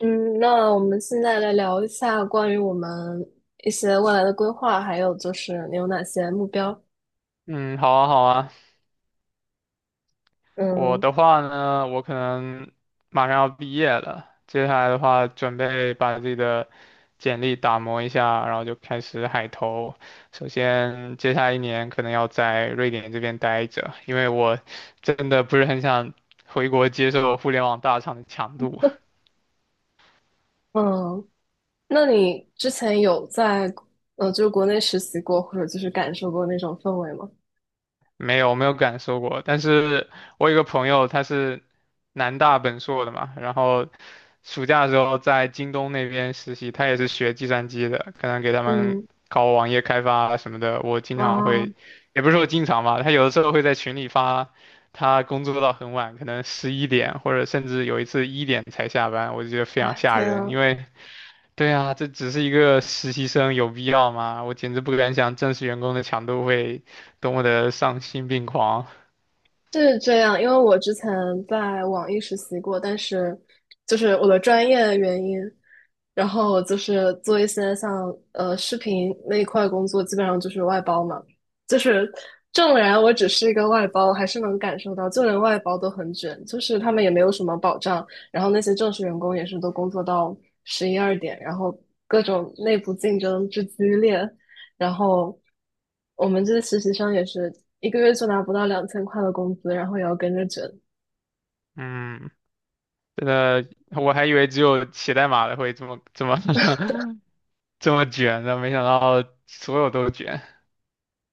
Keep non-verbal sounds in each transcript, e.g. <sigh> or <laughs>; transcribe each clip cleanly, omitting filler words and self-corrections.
嗯，那我们现在来聊一下关于我们一些未来的规划，还有就是你有哪些目标？嗯，好啊，好啊。我嗯的话呢，我可能马上要毕业了，接下来的话，准备把自己的简历打磨一下，然后就开始海投。首先，接下来一年可能要在瑞典这边待着，因为我真的不是很想回国接受互联网大厂的强度。嗯，那你之前有在就是国内实习过，或者就是感受过那种氛围吗？没有我没有感受过，但是我有个朋友他是南大本硕的嘛，然后暑假的时候在京东那边实习，他也是学计算机的，可能给他们嗯，搞网页开发啊什么的。我经常啊会，也不是说经常吧，他有的时候会在群里发，他工作到很晚，可能十一点或者甚至有一次一点才下班，我就觉得非常啊，吓天人，啊，因为对啊，这只是一个实习生，有必要吗？我简直不敢想正式员工的强度会多么的丧心病狂。是这样，因为我之前在网易实习过，但是就是我的专业原因。然后就是做一些像视频那一块工作，基本上就是外包嘛。就是纵然我只是一个外包，还是能感受到，就连外包都很卷，就是他们也没有什么保障。然后那些正式员工也是都工作到十一二点，然后各种内部竞争之激烈，然后我们这些实习生也是一个月就拿不到2000块的工资，然后也要跟着卷。嗯，真的，我还以为只有写代码的会这么这么 <laughs> 这么卷的，没想到所有都卷。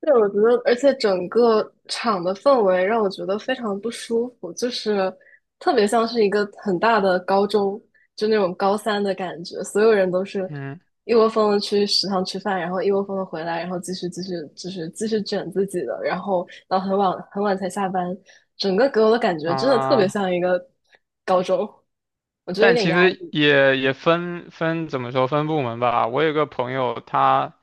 对，我觉得，而且整个场的氛围让我觉得非常不舒服，就是特别像是一个很大的高中，就那种高三的感觉，所有人都是嗯一窝蜂的去食堂吃饭，然后一窝蜂的回来，然后继续就是继续卷自己的，然后到很晚很晚才下班，整个给我的感觉真的特别啊，像一个高中，我觉得有但点其压实抑也分怎么说分部门吧。我有个朋友他。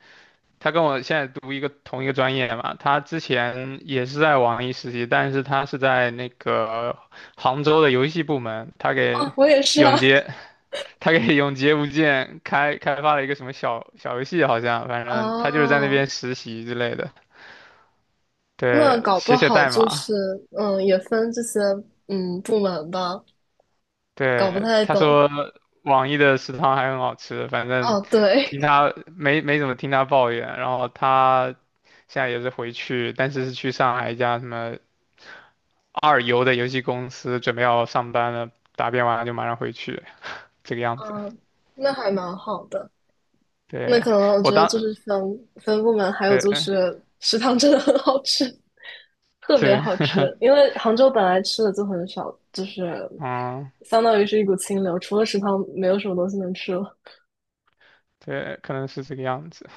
他跟我现在读同一个专业嘛，他之前也是在网易实习，但是他是在那个杭州的游戏部门，他啊，给我也是永啊，劫，<laughs> 他给永劫无间开发了一个什么小小游戏，好像反 <laughs> 正他就是在那哦，边实习之类的，那对，搞不写写好代就码，是，嗯，也分这些，嗯，部门吧，搞不对，太他懂。说网易的食堂还很好吃，反正哦，听对，他没怎么听他抱怨，然后他现在也是回去，但是是去上海一家什么二游的游戏公司，准备要上班了，答辩完了就马上回去，这个样子。嗯，那还蛮好的。那对，可能我我觉得当，就是分分部门，还有对就是食堂真的很好吃，特别对，好吃。因为杭州本来吃的就很少，就是嗯。相当于是一股清流，除了食堂没有什么东西能吃了。对，可能是这个样子。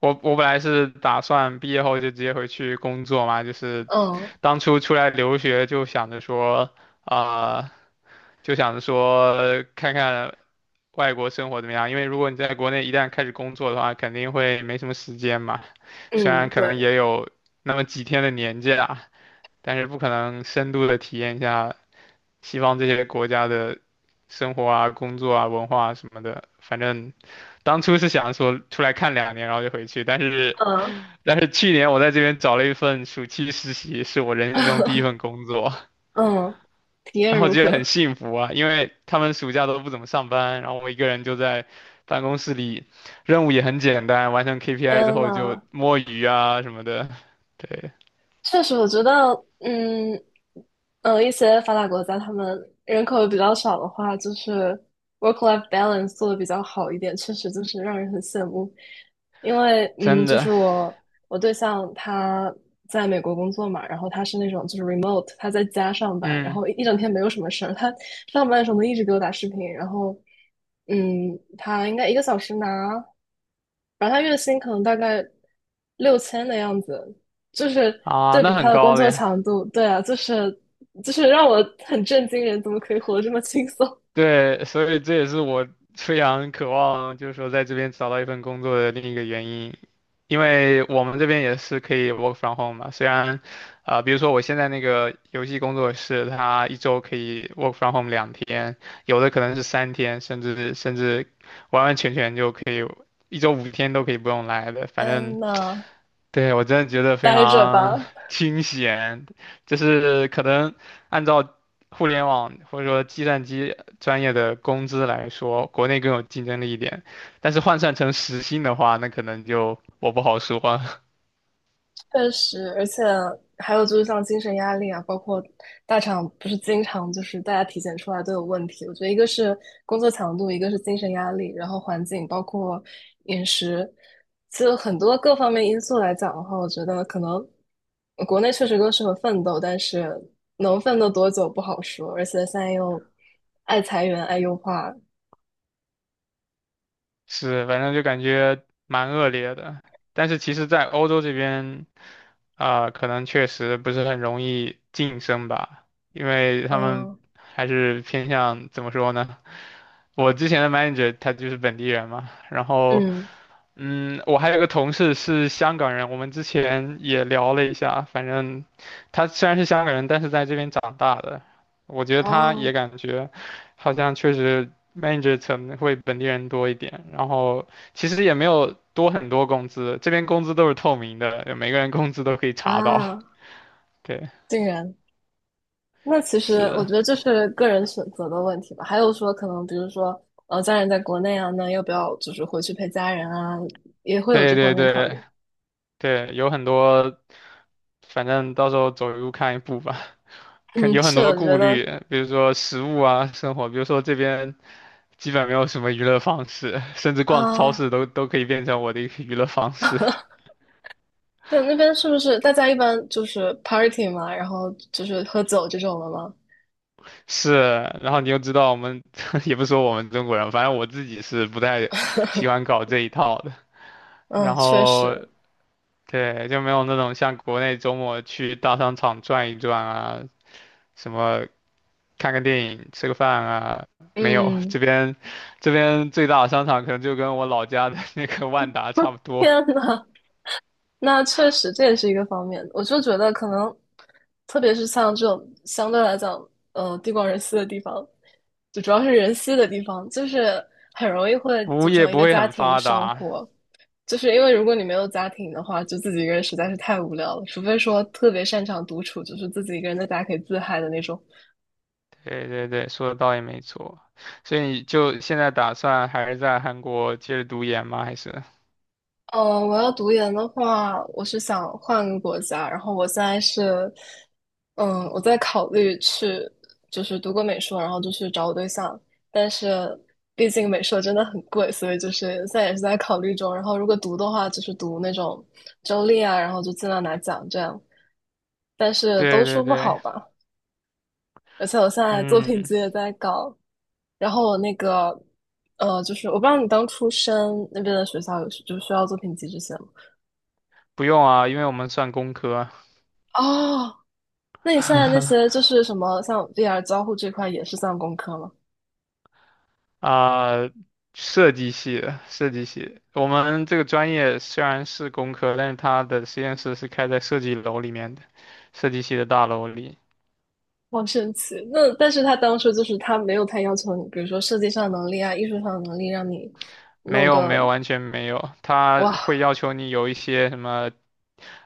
我本来是打算毕业后就直接回去工作嘛，就是嗯当初出来留学就想着说，啊、看看外国生活怎么样。因为如果你在国内一旦开始工作的话，肯定会没什么时间嘛。虽然嗯，可能对，也有那么几天的年假，但是不可能深度的体验一下西方这些国家的生活啊、工作啊、文化啊什么的。反正当初是想说出来看两年，然后就回去，但是嗯 去年我在这边找了一份暑期实习，是我人生中第一份 <laughs> 工作，嗯，体然验后如觉得很何？幸福啊，因为他们暑假都不怎么上班，然后我一个人就在办公室里，任务也很简单，完成 KPI 之天后就呐，摸鱼啊什么的，对，确实，我觉得，嗯，一些发达国家他们人口比较少的话，就是 work-life balance 做的比较好一点，确实就是让人很羡慕。因为，嗯，真就的，是我对象他在美国工作嘛，然后他是那种就是 remote,他在家上班，然嗯，后一整天没有什么事儿，他上班的时候能一直给我打视频，然后，他应该一个小时拿。然后他月薪可能大概6000的样子，就是啊，对比那他很的工高了作呀。强度，对啊，就是让我很震惊，人怎么可以活得这么轻松？对，所以这也是我非常渴望，就是说在这边找到一份工作的另一个原因，因为我们这边也是可以 work from home 嘛。虽然，比如说我现在那个游戏工作室，它一周可以 work from home 两天，有的可能是三天，甚至完完全全就可以一周五天都可以不用来的，反正天呐，对，我真的觉得非待着常吧，清闲，就是可能按照互联网或者说计算机专业的工资来说，国内更有竞争力一点，但是换算成时薪的话，那可能就我不好说。<laughs> 确实，而且还有就是像精神压力啊，包括大厂不是经常就是大家体检出来都有问题。我觉得一个是工作强度，一个是精神压力，然后环境包括饮食，其实很多各方面因素来讲的话，我觉得可能国内确实更适合奋斗，但是能奋斗多久不好说。而且现在又爱裁员、爱优化，是，反正就感觉蛮恶劣的。但是其实，在欧洲这边，可能确实不是很容易晋升吧，因为他们嗯还是偏向怎么说呢？我之前的 manager 他就是本地人嘛，然后，嗯，我还有个同事是香港人，我们之前也聊了一下，反正他虽然是香港人，但是在这边长大的，我觉得他也哦感觉好像确实 manager 层会本地人多一点，然后其实也没有多很多工资，这边工资都是透明的，每个人工资都可以查到。啊，对，竟然。那其实我是，觉得这是个人选择的问题吧。还有说，可能比如说，家人在国内啊，那要不要就是回去陪家人啊，也会有这对方对面考对虑。对，有很多，反正到时候走一步看一步吧。<laughs> 看嗯，有很是的，多我顾觉虑，得比如说食物啊，生活，比如说这边基本没有什么娱乐方式，甚至逛超啊，市都都可以变成我的一个娱乐方式。对，那边是不是大家一般就是 party 嘛，然后就是喝酒这种的吗？是，然后你又知道我们 <laughs> 也不说我们中国人，反正我自己是不太喜欢搞这一套的。嗯，然确后实，对，就没有那种像国内周末去大商场转一转啊，什么看个电影、吃个饭啊，没有。嗯，这边最大的商场可能就跟我老家的 <laughs> 那个万达差不多，天呐，那确实这也是一个方面。我就觉得可能，特别是像这种相对来讲，地广人稀的地方，就主要是人稀的地方，就是很容易会服务组业成一不个会家很庭发生达。活。就是因为如果你没有家庭的话，就自己一个人实在是太无聊了，除非说特别擅长独处，就是自己一个人在家可以自嗨的那种。对对对，说的倒也没错。所以你就现在打算还是在韩国接着读研吗？还是？我要读研的话，我是想换个国家，然后我现在是，我在考虑去，就是读个美术，然后就去找我对象，但是毕竟美术真的很贵，所以就是现在也是在考虑中。然后如果读的话，就是读那种周立啊，然后就尽量拿奖这样，但是对都说对不对，好吧。而且我现在作品嗯，集也在搞，然后我那个，就是我不知道你当初申那边的学校有就需要作品集这些吗？不用啊，因为我们算工科。哦，那你现在那 <laughs> 些就是什么，像 VR 交互这块也是算工科吗？啊、设计系的，设计系。我们这个专业虽然是工科，但是它的实验室是开在设计楼里面的，设计系的大楼里。好神奇。那但是他当初就是他没有太要求你，比如说设计上的能力啊、艺术上的能力，让你没弄有，没个有，完全没有。它会要哇求你有一些什么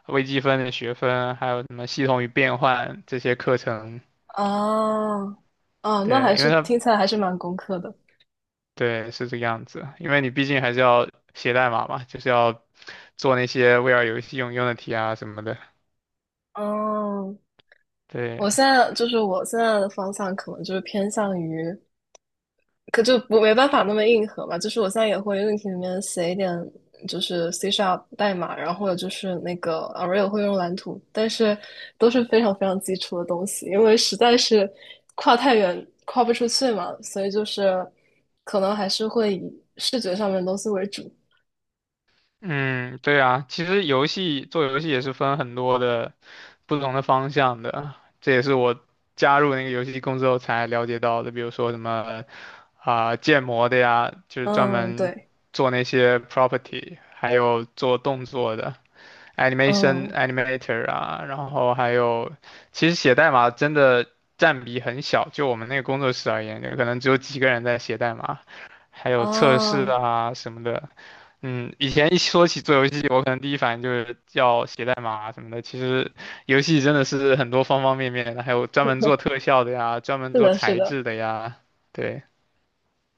微积分的学分，还有什么系统与变换这些课程。啊啊，那对，还因为是它听起来还是蛮工科的。对是这个样子，因为你毕竟还是要写代码嘛，就是要做那些 VR 游戏用用的题啊什么的。嗯，对，我现在就是我现在的方向可能就是偏向于。可就不没办法那么硬核嘛，就是我现在也会 u 题里面写一点，就是 C Sharp 代码，然后或者就是那个 Unreal 会用蓝图，但是都是非常非常基础的东西，因为实在是跨太远，跨不出去嘛，所以就是可能还是会以视觉上面的东西为主。嗯，对啊，其实做游戏也是分很多的不同的方向的，这也是我加入那个游戏公司后才了解到的，比如说什么建模的呀，就是专嗯，门对，做那些 property,还有做动作的 嗯，animator 啊，然后还有其实写代码真的占比很小，就我们那个工作室而言，可能只有几个人在写代码，还有测试哦，啊什么的。嗯，以前一说起做游戏，我可能第一反应就是要写代码啊什么的。其实游戏真的是很多方方面面的，还有专门做特效的呀，专门是做的，是材的，质的呀。对，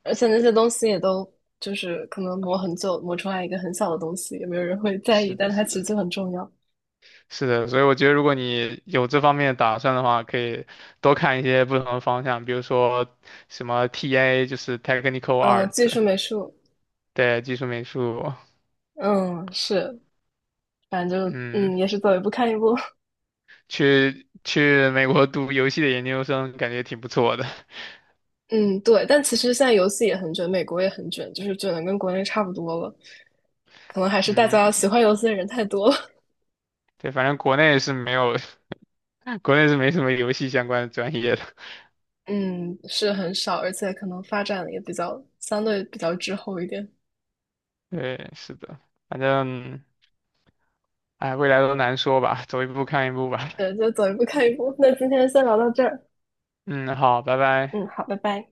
而且那些东西也都就是可能磨很久，磨出来一个很小的东西，也没有人会在意，是的，但它是其实的，就很重要。是的。所以我觉得，如果你有这方面的打算的话，可以多看一些不同的方向，比如说什么 TA,就是 Technical 嗯，Art,技术美术，对，技术美术。嗯，是，反正就嗯，嗯，也是走一步看一步，去美国读游戏的研究生，感觉挺不错的。<laughs> 嗯，对。但其实现在游戏也很卷，美国也很卷，就是卷的跟国内差不多了。可能还是大家喜嗯，欢游戏的人太多了，对，反正国内是没有。国内是没什么游戏相关的专业的。<laughs> 嗯，是很少，而且可能发展也比较相对比较滞后一点。<laughs> 对，是的，反正，哎，未来都难说吧，走一步看一步吧。对，就走一步看一步。那今天先聊到这儿，嗯，好，拜嗯，拜。好，拜拜。